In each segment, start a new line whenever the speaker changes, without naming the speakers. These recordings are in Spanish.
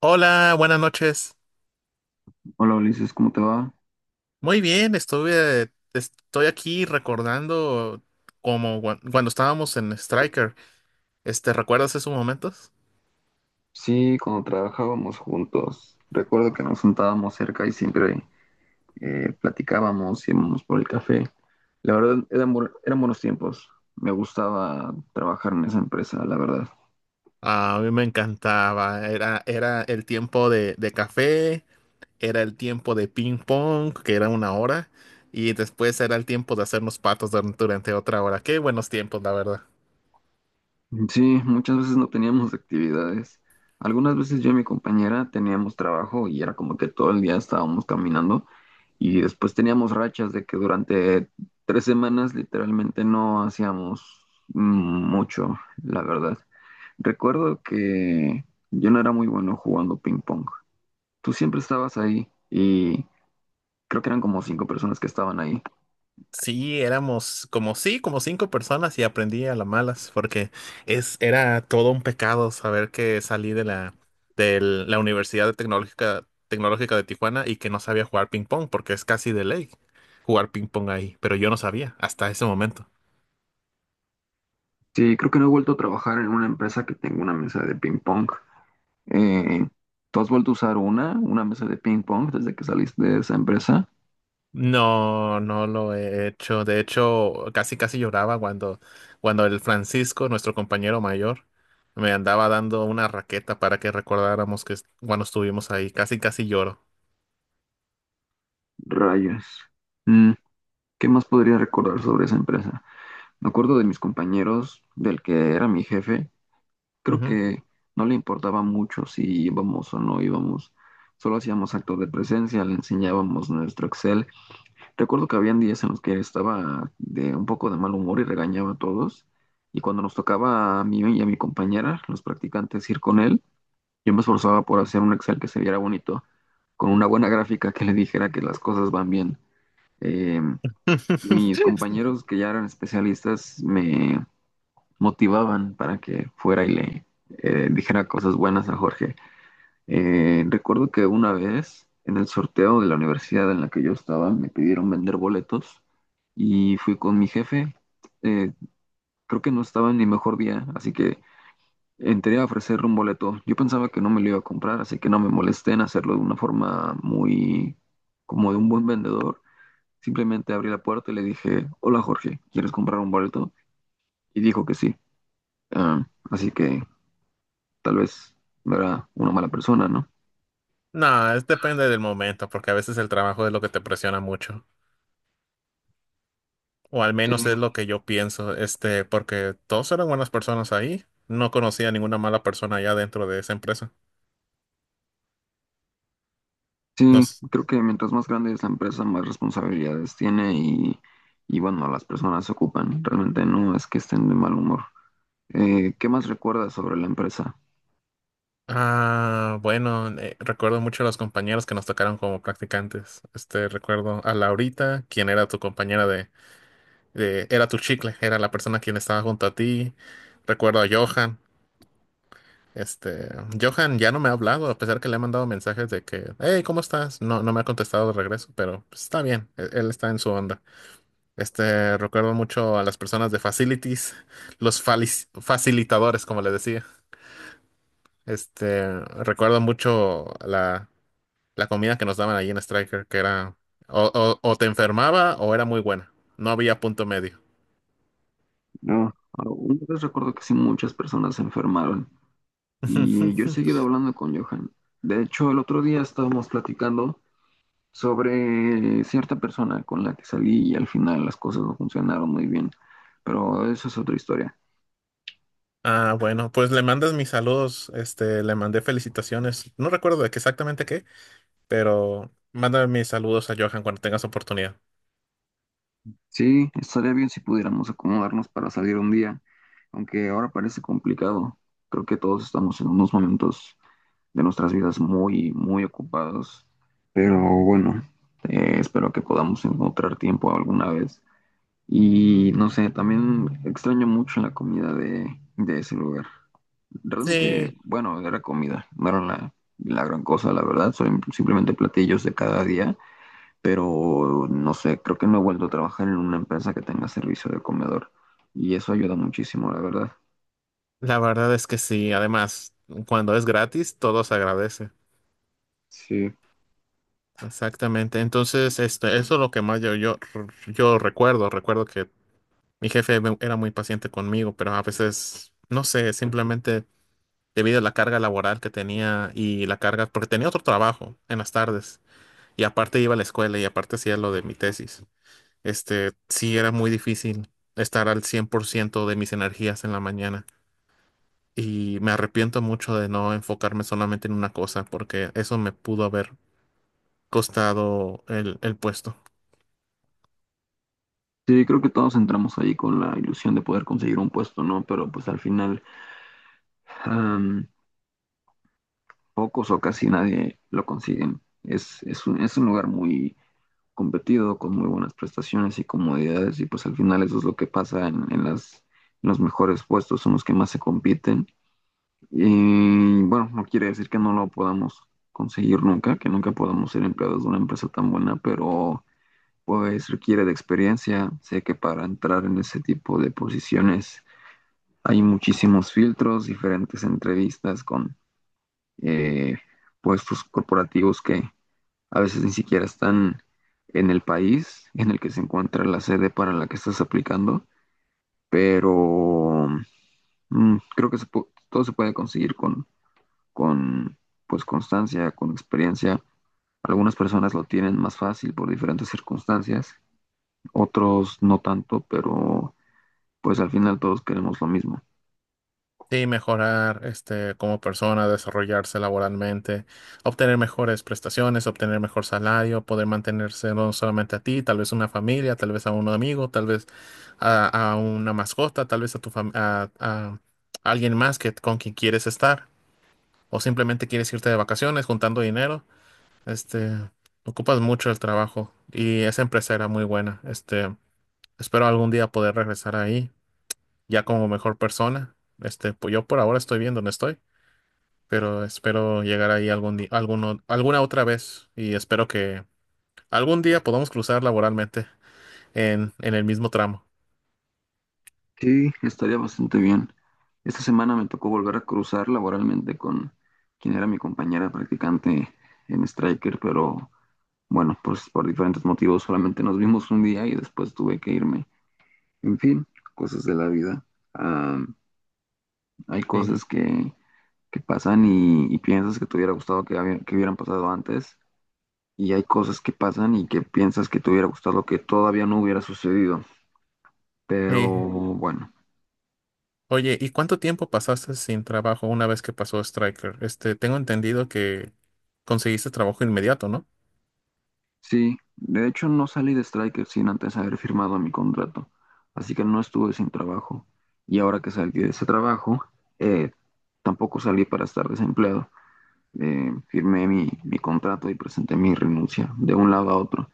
Hola, buenas noches.
Hola Ulises, ¿cómo te va?
Muy bien, estoy aquí recordando cuando estábamos en Striker. ¿Recuerdas esos momentos?
Sí, cuando trabajábamos juntos, recuerdo que nos sentábamos cerca y siempre platicábamos, íbamos por el café. La verdad, eran buenos tiempos. Me gustaba trabajar en esa empresa, la verdad.
A mí me encantaba. Era el tiempo de café, era el tiempo de ping pong, que era 1 hora, y después era el tiempo de hacernos patos durante 1 hora más. Qué buenos tiempos, la verdad.
Sí, muchas veces no teníamos actividades. Algunas veces yo y mi compañera teníamos trabajo y era como que todo el día estábamos caminando y después teníamos rachas de que durante 3 semanas literalmente no hacíamos mucho, la verdad. Recuerdo que yo no era muy bueno jugando ping pong. Tú siempre estabas ahí y creo que eran como cinco personas que estaban ahí.
Sí, éramos como, sí, como cinco personas y aprendí a las malas, porque era todo un pecado saber que salí de la, Universidad Tecnológica de Tijuana y que no sabía jugar ping pong, porque es casi de ley jugar ping pong ahí, pero yo no sabía hasta ese momento.
Sí, creo que no he vuelto a trabajar en una empresa que tenga una mesa de ping pong. Eh, ¿Tú has vuelto a usar una mesa de ping pong desde que saliste de esa empresa?
No, no lo he hecho. De hecho, casi casi lloraba cuando el Francisco, nuestro compañero mayor, me andaba dando una raqueta para que recordáramos que cuando estuvimos ahí, casi casi lloro.
Rayos. Mm, ¿Qué más podría recordar sobre esa empresa? Me acuerdo de mis compañeros, del que era mi jefe, creo
Ujú.
que no le importaba mucho si íbamos o no íbamos. Solo hacíamos actos de presencia, le enseñábamos nuestro Excel. Recuerdo que habían días en los que estaba de un poco de mal humor y regañaba a todos. Y cuando nos tocaba a mí y a mi compañera, los practicantes, ir con él, yo me esforzaba por hacer un Excel que se viera bonito, con una buena gráfica que le dijera que las cosas van bien. Eh, y mis compañeros que ya eran especialistas me motivaban para que fuera y le dijera cosas buenas a Jorge. Recuerdo que una vez en el sorteo de la universidad en la que yo estaba me pidieron vender boletos y fui con mi jefe. Eh, creo que no estaba en mi mejor día, así que entré a ofrecerle un boleto. Yo pensaba que no me lo iba a comprar, así que no me molesté en hacerlo de una forma muy como de un buen vendedor. Simplemente abrí la puerta y le dije, hola Jorge, ¿quieres comprar un boleto? Y dijo que sí. Ah, así que tal vez no era una mala persona, ¿no?
No, es depende del momento, porque a veces el trabajo es lo que te presiona mucho, o al
Sí,
menos es lo que yo pienso, porque todos eran buenas personas ahí, no conocía ninguna mala persona allá dentro de esa empresa.
sí,
Nos,
creo que mientras más grande es la empresa, más responsabilidades tiene y bueno, las personas se ocupan. Realmente no es que estén de mal humor. ¿Qué más recuerdas sobre la empresa?
ah, bueno, recuerdo mucho a los compañeros que nos tocaron como practicantes. Recuerdo a Laurita, quien era tu compañera de, era tu chicle, era la persona quien estaba junto a ti. Recuerdo a Johan. Este, Johan ya no me ha hablado, a pesar que le he mandado mensajes de que, hey, ¿cómo estás? No, no me ha contestado de regreso, pero pues, está bien, él está en su onda. Recuerdo mucho a las personas de facilities, los facilitadores, como les decía. Este, recuerdo mucho la comida que nos daban allí en Striker, que era, o te enfermaba o era muy buena, no había punto medio.
No, una vez recuerdo que sí muchas personas se enfermaron y yo he seguido hablando con Johan. De hecho, el otro día estábamos platicando sobre cierta persona con la que salí y al final las cosas no funcionaron muy bien, pero eso es otra historia.
Ah, bueno, pues le mandas mis saludos, le mandé felicitaciones, no recuerdo de qué exactamente qué, pero mándame mis saludos a Johan cuando tengas oportunidad.
Sí, estaría bien si pudiéramos acomodarnos para salir un día, aunque ahora parece complicado. Creo que todos estamos en unos momentos de nuestras vidas muy, muy ocupados, pero bueno, espero que podamos encontrar tiempo alguna vez. Y no sé, también extraño mucho la comida de ese lugar. Realmente,
Sí,
bueno, era comida, no era la gran cosa, la verdad, son simplemente platillos de cada día, pero no sé, creo que no he vuelto a trabajar en una empresa que tenga servicio de comedor y eso ayuda muchísimo, la verdad.
la verdad es que sí. Además, cuando es gratis, todo se agradece.
Sí,
Exactamente. Entonces, eso es lo que más yo recuerdo. Recuerdo que mi jefe era muy paciente conmigo, pero a veces, no sé, simplemente debido a la carga laboral que tenía y la carga, porque tenía otro trabajo en las tardes. Y aparte iba a la escuela y aparte hacía lo de mi tesis. Sí era muy difícil estar al 100% de mis energías en la mañana y me arrepiento mucho de no enfocarme solamente en una cosa porque eso me pudo haber costado el puesto.
sí, creo que todos entramos ahí con la ilusión de poder conseguir un puesto, ¿no? Pero pues al final am, pocos o casi nadie lo consiguen. Es un lugar muy competido, con muy buenas prestaciones y comodidades y pues al final eso es lo que pasa en los mejores puestos, son los que más se compiten. Y bueno, no quiere decir que no lo podamos conseguir nunca, que nunca podamos ser empleados de una empresa tan buena, pero pues requiere de experiencia. Sé que para entrar en ese tipo de posiciones hay muchísimos filtros, diferentes entrevistas con eh, puestos corporativos que a veces ni siquiera están en el país en el que se encuentra la sede para la que estás aplicando, pero creo que todo se puede conseguir con con pues constancia, con experiencia. Algunas personas lo tienen más fácil por diferentes circunstancias, otros no tanto, pero pues al final todos queremos lo mismo.
Sí, mejorar como persona, desarrollarse laboralmente, obtener mejores prestaciones, obtener mejor salario, poder mantenerse no solamente a ti, tal vez una familia, tal vez a un amigo, tal vez a una mascota, tal vez a tu fam- a alguien más que con quien quieres estar, o simplemente quieres irte de vacaciones juntando dinero. este, ocupas mucho el trabajo y esa empresa era muy buena. Espero algún día poder regresar ahí ya como mejor persona. Pues yo por ahora estoy bien donde estoy, pero espero llegar ahí algún día, alguna otra vez y espero que algún día podamos cruzar laboralmente en el mismo tramo.
Sí, estaría bastante bien. Esta semana me tocó volver a cruzar laboralmente con quien era mi compañera practicante en Striker, pero bueno, pues por diferentes motivos solamente nos vimos un día y después tuve que irme. En fin, cosas de la vida. Ah, hay
Sí.
cosas que pasan y piensas que, te hubiera gustado que hubieran pasado antes. Y hay cosas que pasan y que piensas que te hubiera gustado que todavía no hubiera sucedido. Pero
Sí.
bueno,
Oye, ¿y cuánto tiempo pasaste sin trabajo una vez que pasó Striker? Tengo entendido que conseguiste trabajo inmediato, ¿no?
sí. De hecho, no salí de Striker sin antes haber firmado mi contrato. Así que no estuve sin trabajo. Y ahora que salí de ese trabajo, eh, tampoco salí para estar desempleado. Firmé mi contrato y presenté mi renuncia de un lado a otro.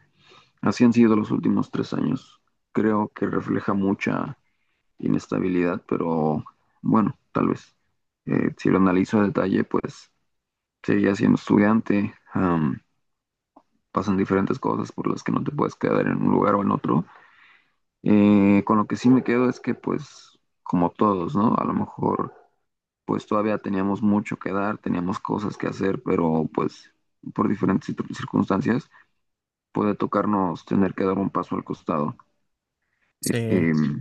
Así han sido los últimos 3 años. Creo que refleja mucha inestabilidad, pero bueno, tal vez. Si lo analizo a detalle, pues seguía siendo estudiante, am, pasan diferentes cosas por las que no te puedes quedar en un lugar o en otro. Con lo que sí me quedo es que, pues, como todos, ¿no? A lo mejor, pues todavía teníamos mucho que dar, teníamos cosas que hacer, pero pues por diferentes circunstancias puede tocarnos tener que dar un paso al costado.
Sí,
Em,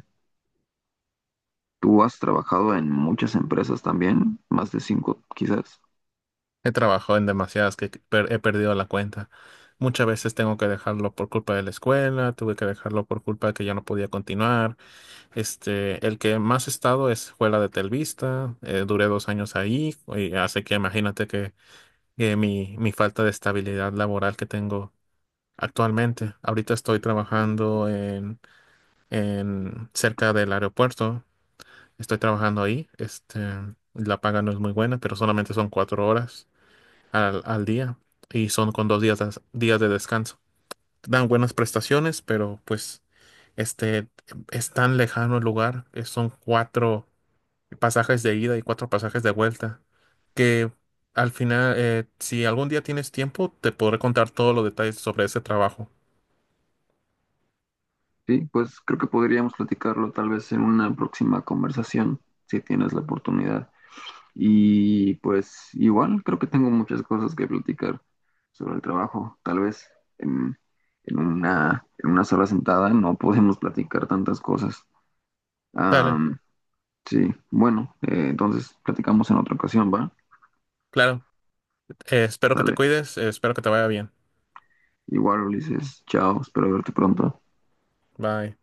tú has trabajado en muchas empresas también, más de cinco quizás.
he trabajado en demasiadas que he perdido la cuenta. Muchas veces tengo que dejarlo por culpa de la escuela, tuve que dejarlo por culpa de que ya no podía continuar. El que más he estado fue la de Telvista. Duré 2 años ahí, y así que imagínate que mi falta de estabilidad laboral que tengo actualmente. Ahorita estoy trabajando en cerca del aeropuerto. Estoy trabajando ahí. La paga no es muy buena, pero solamente son 4 horas al día y son con dos días de descanso. Dan buenas prestaciones, pero pues este es tan lejano el lugar, son cuatro pasajes de ida y cuatro pasajes de vuelta, que al final, si algún día tienes tiempo, te podré contar todos los detalles sobre ese trabajo.
Sí, pues creo que podríamos platicarlo tal vez en una próxima conversación, si tienes la oportunidad. Y pues igual creo que tengo muchas cosas que platicar sobre el trabajo. Tal vez en, en una sola sentada no podemos platicar tantas cosas.
Dale,
Am, sí, bueno, entonces platicamos en otra ocasión, ¿va?
claro. Espero que te
Dale.
cuides, espero que te vaya bien.
Igual, Ulises, chao, espero verte pronto.
Bye.